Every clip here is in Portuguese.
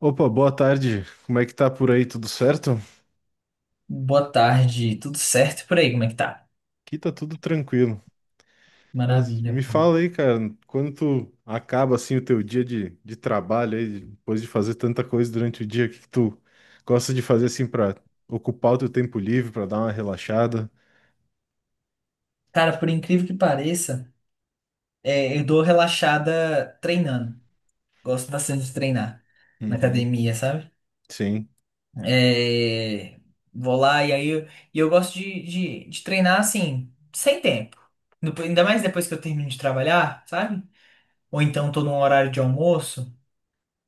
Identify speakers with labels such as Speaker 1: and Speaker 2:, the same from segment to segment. Speaker 1: Opa, boa tarde. Como é que tá por aí? Tudo certo?
Speaker 2: Boa tarde, tudo certo por aí? Como é que tá?
Speaker 1: Aqui tá tudo tranquilo. Mas
Speaker 2: Maravilha.
Speaker 1: me fala aí, cara, quando tu acaba assim o teu dia de trabalho aí, depois de fazer tanta coisa durante o dia, o que que tu gosta de fazer assim pra ocupar o teu tempo livre, pra dar uma relaxada?
Speaker 2: Cara, por incrível que pareça, eu dou relaxada treinando. Gosto bastante de treinar na
Speaker 1: Uhum.
Speaker 2: academia, sabe?
Speaker 1: Sim.
Speaker 2: É, vou lá e eu gosto de treinar assim, sem tempo. Ainda mais depois que eu termino de trabalhar, sabe? Ou então tô num horário de almoço,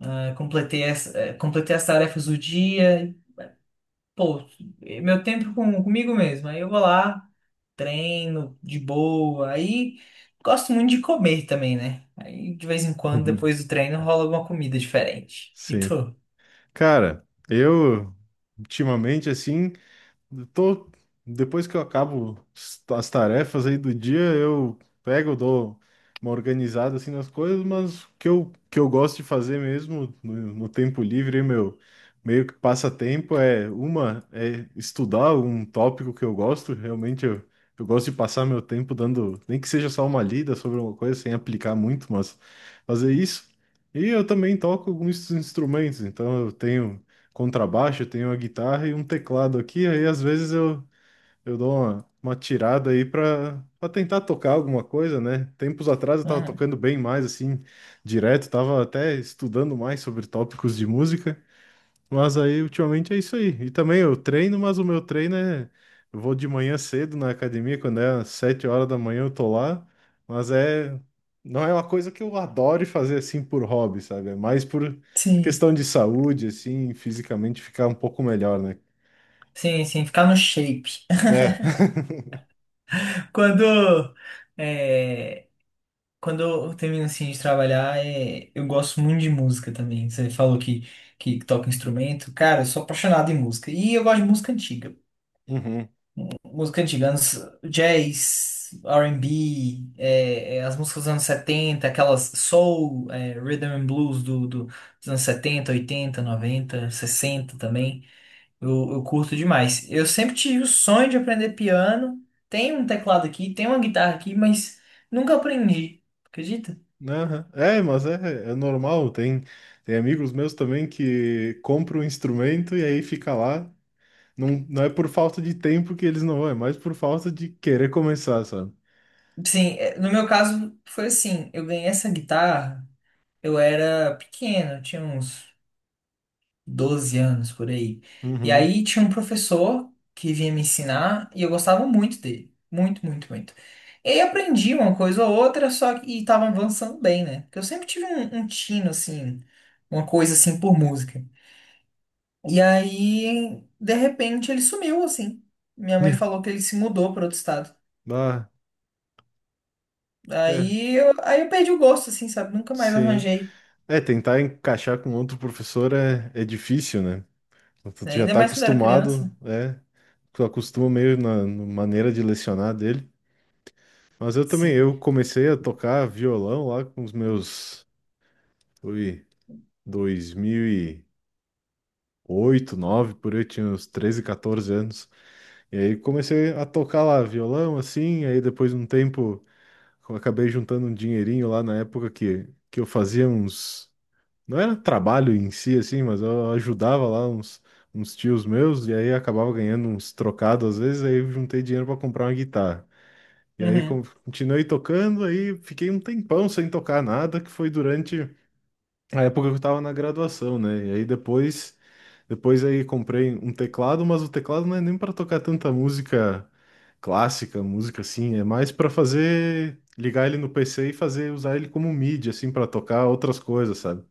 Speaker 2: completei as tarefas do dia, e, pô, é meu tempo comigo mesmo. Aí eu vou lá, treino de boa. Aí gosto muito de comer também, né? Aí de vez em quando, depois do treino, rola alguma comida diferente. E
Speaker 1: Sim.
Speaker 2: tu?
Speaker 1: Cara, eu ultimamente assim. Eu tô, depois que eu acabo as tarefas aí do dia, eu pego, dou uma organizada assim nas coisas, mas o que eu gosto de fazer mesmo no tempo livre, meu meio que passatempo é estudar um tópico que eu gosto, realmente eu gosto de passar meu tempo dando, nem que seja só uma lida sobre uma coisa, sem aplicar muito, mas fazer isso. E eu também toco alguns instrumentos, então eu tenho contrabaixo, tenho uma guitarra e um teclado aqui, aí às vezes eu dou uma tirada aí para tentar tocar alguma coisa, né? Tempos atrás eu tava
Speaker 2: Hum,
Speaker 1: tocando bem mais, assim, direto, tava até estudando mais sobre tópicos de música, mas aí, ultimamente, é isso aí. E também eu treino, mas o meu treino é. Eu vou de manhã cedo na academia, quando é às 7 horas da manhã eu tô lá. Mas é. Não é uma coisa que eu adore fazer assim por hobby, sabe? É mais por
Speaker 2: sim,
Speaker 1: questão de saúde, assim, fisicamente ficar um pouco melhor, né?
Speaker 2: sim, ficar no shape.
Speaker 1: É.
Speaker 2: Quando, é, quando eu termino assim de trabalhar, eu gosto muito de música também. Você falou que toca instrumento. Cara, eu sou apaixonado em música. E eu gosto de música antiga.
Speaker 1: Uhum.
Speaker 2: Música antiga, anos, jazz, R&B, as músicas dos anos 70, aquelas soul, rhythm and blues dos anos 70, 80, 90, 60 também. Eu curto demais. Eu sempre tive o sonho de aprender piano. Tem um teclado aqui, tem uma guitarra aqui, mas nunca aprendi. Acredita?
Speaker 1: Aham. É, mas é normal. Tem amigos meus também que compram um instrumento e aí fica lá. Não, não é por falta de tempo que eles não vão, é mais por falta de querer começar, sabe?
Speaker 2: Sim, é, no meu caso foi assim, eu ganhei essa guitarra, eu era pequeno, eu tinha uns 12 anos por aí. E
Speaker 1: Uhum.
Speaker 2: aí tinha um professor que vinha me ensinar e eu gostava muito dele. Muito, muito, muito. E aí aprendi uma coisa ou outra, só que e tava avançando bem, né? Porque eu sempre tive um tino, assim, uma coisa assim por música. E aí, de repente, ele sumiu, assim. Minha mãe
Speaker 1: É.
Speaker 2: falou que ele se mudou para outro estado.
Speaker 1: Ah, é,
Speaker 2: Aí eu perdi o gosto, assim, sabe? Nunca mais
Speaker 1: sim.
Speaker 2: arranjei,
Speaker 1: É, tentar encaixar com outro professor é difícil, né? Tu
Speaker 2: né?
Speaker 1: tu já
Speaker 2: Ainda
Speaker 1: tá
Speaker 2: mais quando eu era criança.
Speaker 1: acostumado, é. Tu acostuma meio na maneira de lecionar dele. Mas eu também,
Speaker 2: Sim.
Speaker 1: eu comecei a tocar violão lá com os meus, foi 2008, 9 por aí, eu tinha uns 13, 14 anos. E aí comecei a tocar lá violão, assim, aí depois de um tempo eu acabei juntando um dinheirinho lá na época que, eu fazia uns Não era trabalho em si, assim, mas eu ajudava lá uns tios meus, e aí acabava ganhando uns trocados às vezes, aí eu juntei dinheiro para comprar uma guitarra. E aí
Speaker 2: Uhum.
Speaker 1: continuei tocando, aí fiquei um tempão sem tocar nada, que foi durante a época que eu estava na graduação, né? E aí depois aí comprei um teclado, mas o teclado não é nem para tocar tanta música clássica, música assim, é mais para fazer, ligar ele no PC e fazer, usar ele como mídia, assim, para tocar outras coisas, sabe?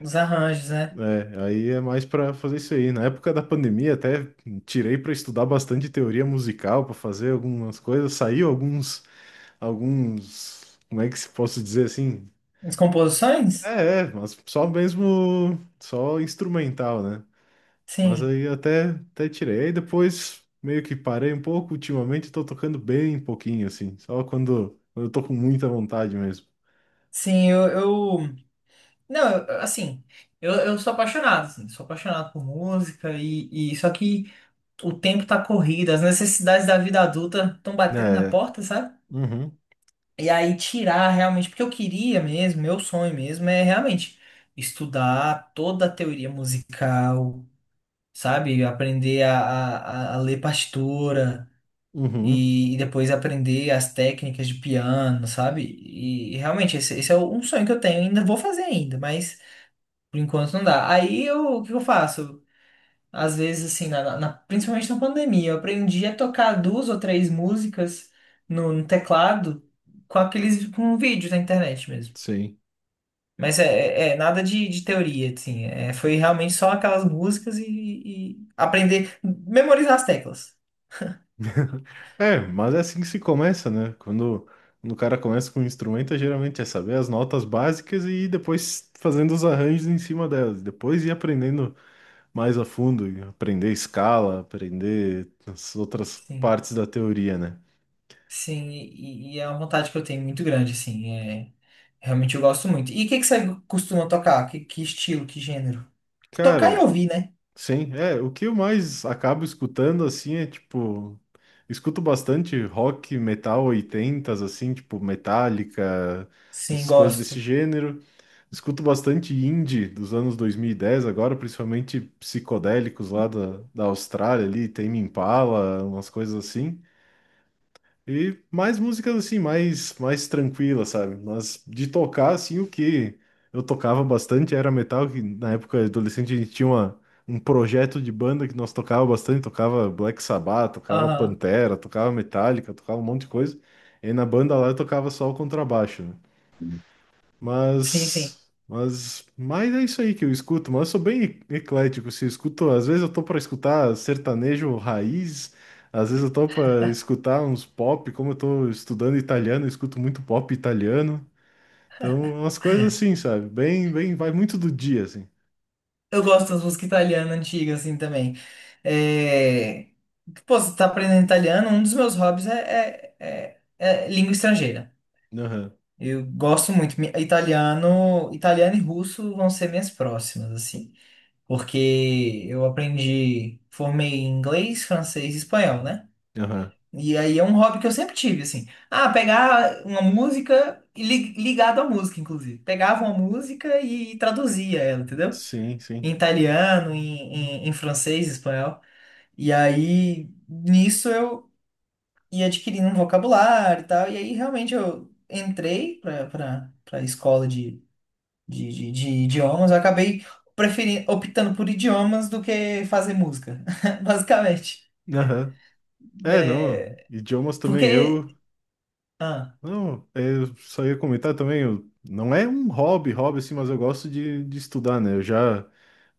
Speaker 2: Os arranjos, né?
Speaker 1: É, aí é mais pra fazer isso aí. Na época da pandemia, até tirei pra estudar bastante teoria musical, pra fazer algumas coisas. Saiu alguns, como é que se posso dizer assim?
Speaker 2: As composições?
Speaker 1: Mas só mesmo, só instrumental, né? Mas
Speaker 2: Sim.
Speaker 1: aí até, tirei. Aí depois meio que parei um pouco. Ultimamente tô tocando bem pouquinho, assim, só quando eu tô com muita vontade mesmo.
Speaker 2: Sim, eu... Não, eu- assim, eu sou apaixonado, assim, sou apaixonado por música e... Só que o tempo tá corrido, as necessidades da vida adulta estão batendo na
Speaker 1: É,
Speaker 2: porta, sabe?
Speaker 1: uhum,
Speaker 2: E aí tirar realmente, porque eu queria mesmo, meu sonho mesmo é realmente estudar toda a teoria musical, sabe? Aprender a a ler partitura
Speaker 1: uhum,
Speaker 2: e depois aprender as técnicas de piano, sabe? E realmente esse é um sonho que eu tenho, ainda vou fazer ainda, mas... Por enquanto não dá. Aí eu, o que eu faço? Às vezes, assim, principalmente na pandemia, eu aprendi a tocar duas ou três músicas no teclado com aqueles com vídeos na internet mesmo.
Speaker 1: sim.
Speaker 2: Mas é nada de teoria, assim. É, foi realmente só aquelas músicas e aprender, memorizar as teclas.
Speaker 1: É, mas é assim que se começa, né? quando o cara começa com um instrumento, geralmente é saber as notas básicas e ir depois fazendo os arranjos em cima delas. Depois ir aprendendo mais a fundo, e aprender escala, aprender as outras
Speaker 2: Sim,
Speaker 1: partes da teoria, né?
Speaker 2: sim, e é uma vontade que eu tenho muito grande, assim. É, realmente eu gosto muito. E que você costuma tocar? Que estilo, que gênero? Tocar e
Speaker 1: Cara,
Speaker 2: ouvir, né?
Speaker 1: sim, é, o que eu mais acabo escutando assim é tipo, escuto bastante rock, metal 80 assim, tipo Metallica,
Speaker 2: Sim,
Speaker 1: as coisas
Speaker 2: gosto.
Speaker 1: desse gênero. Escuto bastante indie dos anos 2010 agora, principalmente psicodélicos lá da Austrália ali, Tame Impala, umas coisas assim. E mais músicas assim, mais tranquilas, sabe? Mas de tocar, assim, o que eu tocava bastante era metal, que na época adolescente a gente tinha um projeto de banda que nós tocava bastante, tocava Black Sabbath, tocava
Speaker 2: Aham.
Speaker 1: Pantera, tocava Metallica, tocava um monte de coisa. E na banda lá eu tocava só o contrabaixo, né?
Speaker 2: Sim,
Speaker 1: Mas,
Speaker 2: sim.
Speaker 1: mas, mas é isso aí que eu escuto, mas eu sou bem eclético, se eu escuto, às vezes eu tô para escutar sertanejo raiz, às vezes eu tô para escutar uns pop, como eu tô estudando italiano, eu escuto muito pop italiano. Então, umas coisas assim, sabe? Bem, vai muito do dia assim.
Speaker 2: Eu gosto das músicas italianas antigas, assim, também. É... Pô, você tá aprendendo italiano, um dos meus hobbies é língua estrangeira.
Speaker 1: Aham.
Speaker 2: Eu gosto muito. Italiano e russo vão ser minhas próximas, assim. Porque eu aprendi, formei em inglês, francês e espanhol, né?
Speaker 1: Aham.
Speaker 2: E aí é um hobby que eu sempre tive, assim. Ah, pegar uma música ligado à música, inclusive. Pegava uma música e traduzia ela, entendeu?
Speaker 1: Sim,
Speaker 2: Em
Speaker 1: sim.
Speaker 2: italiano, em francês, espanhol. E aí, nisso eu ia adquirindo um vocabulário e tal. E aí, realmente, eu entrei para escola de idiomas. Eu acabei preferindo, optando por idiomas do que fazer música, basicamente.
Speaker 1: Aham. É, não,
Speaker 2: É,
Speaker 1: idiomas também
Speaker 2: porque...
Speaker 1: eu,
Speaker 2: Ah,
Speaker 1: não, é, eu só ia comentar também, eu, não é um hobby, hobby assim, mas eu gosto de estudar, né?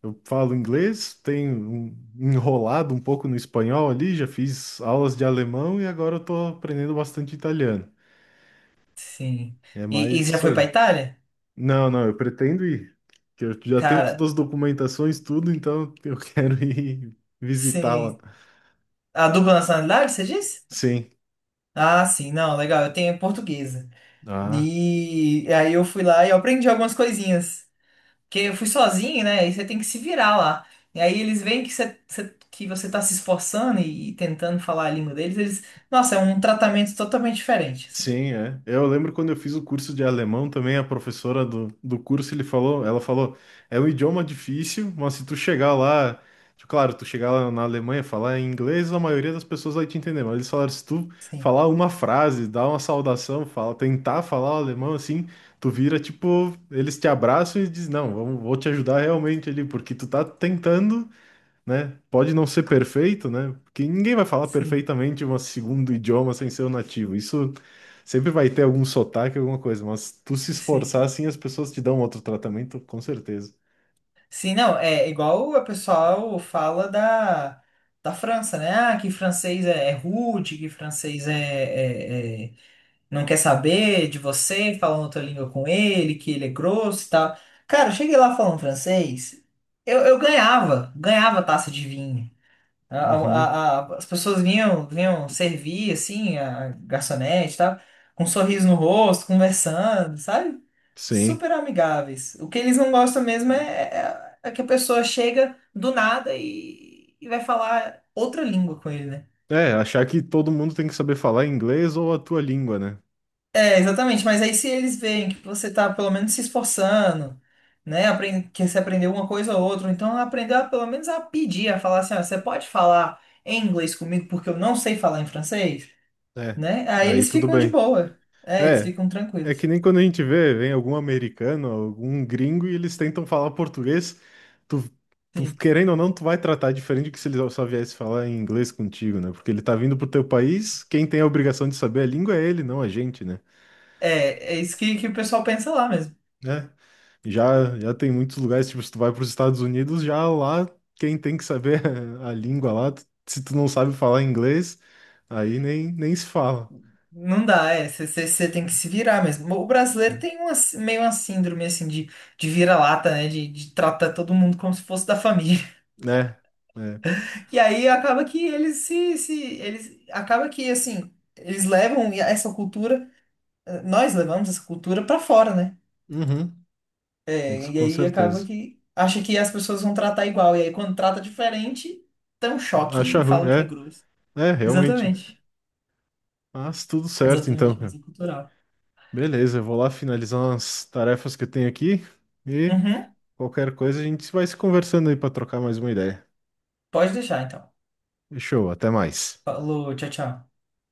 Speaker 1: Eu falo inglês, tenho enrolado um pouco no espanhol ali, já fiz aulas de alemão e agora eu tô aprendendo bastante italiano.
Speaker 2: sim.
Speaker 1: É mais
Speaker 2: E você já
Speaker 1: isso
Speaker 2: foi para
Speaker 1: aí.
Speaker 2: Itália?
Speaker 1: Não, não, eu pretendo ir. Que Eu já tenho todas
Speaker 2: Cara,
Speaker 1: as documentações, tudo, então eu quero ir visitar lá.
Speaker 2: sim. A dupla nacionalidade, você disse?
Speaker 1: Sim.
Speaker 2: Ah, sim, não, legal. Eu tenho portuguesa.
Speaker 1: Ah.
Speaker 2: E aí eu fui lá e eu aprendi algumas coisinhas. Porque eu fui sozinho, né? E você tem que se virar lá. E aí eles veem que que você tá se esforçando e tentando falar a língua deles, eles... Nossa, é um tratamento totalmente diferente, assim.
Speaker 1: Sim, é. É, eu lembro quando eu fiz o curso de alemão também, a professora do curso, ela falou, é um idioma difícil, mas se tu chegar lá, tipo, claro, tu chegar lá na Alemanha, falar em inglês, a maioria das pessoas vai te entender, mas eles falaram, se tu
Speaker 2: Sim,
Speaker 1: falar uma frase, dar uma saudação, tentar falar o alemão assim, tu vira, tipo, eles te abraçam e dizem, não, vamos, vou te ajudar realmente ali, porque tu tá tentando, né? Pode não ser perfeito, né? Porque ninguém vai falar
Speaker 2: sim,
Speaker 1: perfeitamente um segundo idioma sem ser o nativo. Isso sempre vai ter algum sotaque, alguma coisa, mas tu se
Speaker 2: sim.
Speaker 1: esforçar assim, as pessoas te dão outro tratamento, com certeza.
Speaker 2: Sim, não, é igual o pessoal fala da França, né? Ah, que francês é rude, que francês é não quer saber de você, falando outra língua com ele, que ele é grosso e tal. Cara, eu cheguei lá falando francês, eu ganhava, ganhava taça de vinho.
Speaker 1: Uhum,
Speaker 2: As pessoas vinham, vinham servir, assim, a garçonete e tal, com um sorriso no rosto, conversando, sabe?
Speaker 1: sim.
Speaker 2: Super amigáveis. O que eles não gostam mesmo é que a pessoa chega do nada e, e vai falar outra língua com ele, né?
Speaker 1: É, achar que todo mundo tem que saber falar inglês ou a tua língua, né?
Speaker 2: É, exatamente, mas aí se eles veem que você tá pelo menos se esforçando, né, que você aprendeu uma coisa ou outra, então aprendeu a, pelo menos a pedir, a falar assim, ó, você pode falar em inglês comigo porque eu não sei falar em francês,
Speaker 1: É.
Speaker 2: né? Aí
Speaker 1: Aí
Speaker 2: eles
Speaker 1: tudo
Speaker 2: ficam de
Speaker 1: bem.
Speaker 2: boa, é, eles
Speaker 1: É,
Speaker 2: ficam
Speaker 1: é
Speaker 2: tranquilos,
Speaker 1: que nem quando a gente vem algum americano, algum gringo e eles tentam falar português, tu, tu
Speaker 2: sim.
Speaker 1: querendo ou não, tu vai tratar diferente do que se ele só viesse falar em inglês contigo, né? Porque ele tá vindo pro teu país, quem tem a obrigação de saber a língua é ele, não a gente, né?
Speaker 2: É, é isso que o pessoal pensa lá mesmo.
Speaker 1: Né? Já tem muitos lugares, tipo, se tu vai pros Estados Unidos, já lá quem tem que saber a língua lá, se tu não sabe falar inglês, aí nem se fala,
Speaker 2: Não dá, é, você tem que se virar mesmo. O brasileiro tem uma, meio uma síndrome, assim, de vira-lata, né, de tratar todo mundo como se fosse da família.
Speaker 1: né? É.
Speaker 2: E aí acaba que eles se, se eles acaba que assim, eles levam essa cultura, nós levamos essa cultura pra fora, né?
Speaker 1: Uhum,
Speaker 2: É,
Speaker 1: isso,
Speaker 2: e
Speaker 1: com
Speaker 2: aí acaba
Speaker 1: certeza.
Speaker 2: que acha que as pessoas vão tratar igual, e aí quando trata diferente, tem um choque
Speaker 1: Acha
Speaker 2: e
Speaker 1: ruim,
Speaker 2: fala que é
Speaker 1: é.
Speaker 2: grosso.
Speaker 1: É, realmente.
Speaker 2: Exatamente.
Speaker 1: Mas tudo certo então,
Speaker 2: Exatamente, mas
Speaker 1: cara.
Speaker 2: é cultural.
Speaker 1: Beleza, eu vou lá finalizar umas tarefas que eu tenho aqui e
Speaker 2: Uhum.
Speaker 1: qualquer coisa a gente vai se conversando aí para trocar mais uma ideia.
Speaker 2: Pode deixar então.
Speaker 1: Fechou, até mais.
Speaker 2: Falou, tchau, tchau.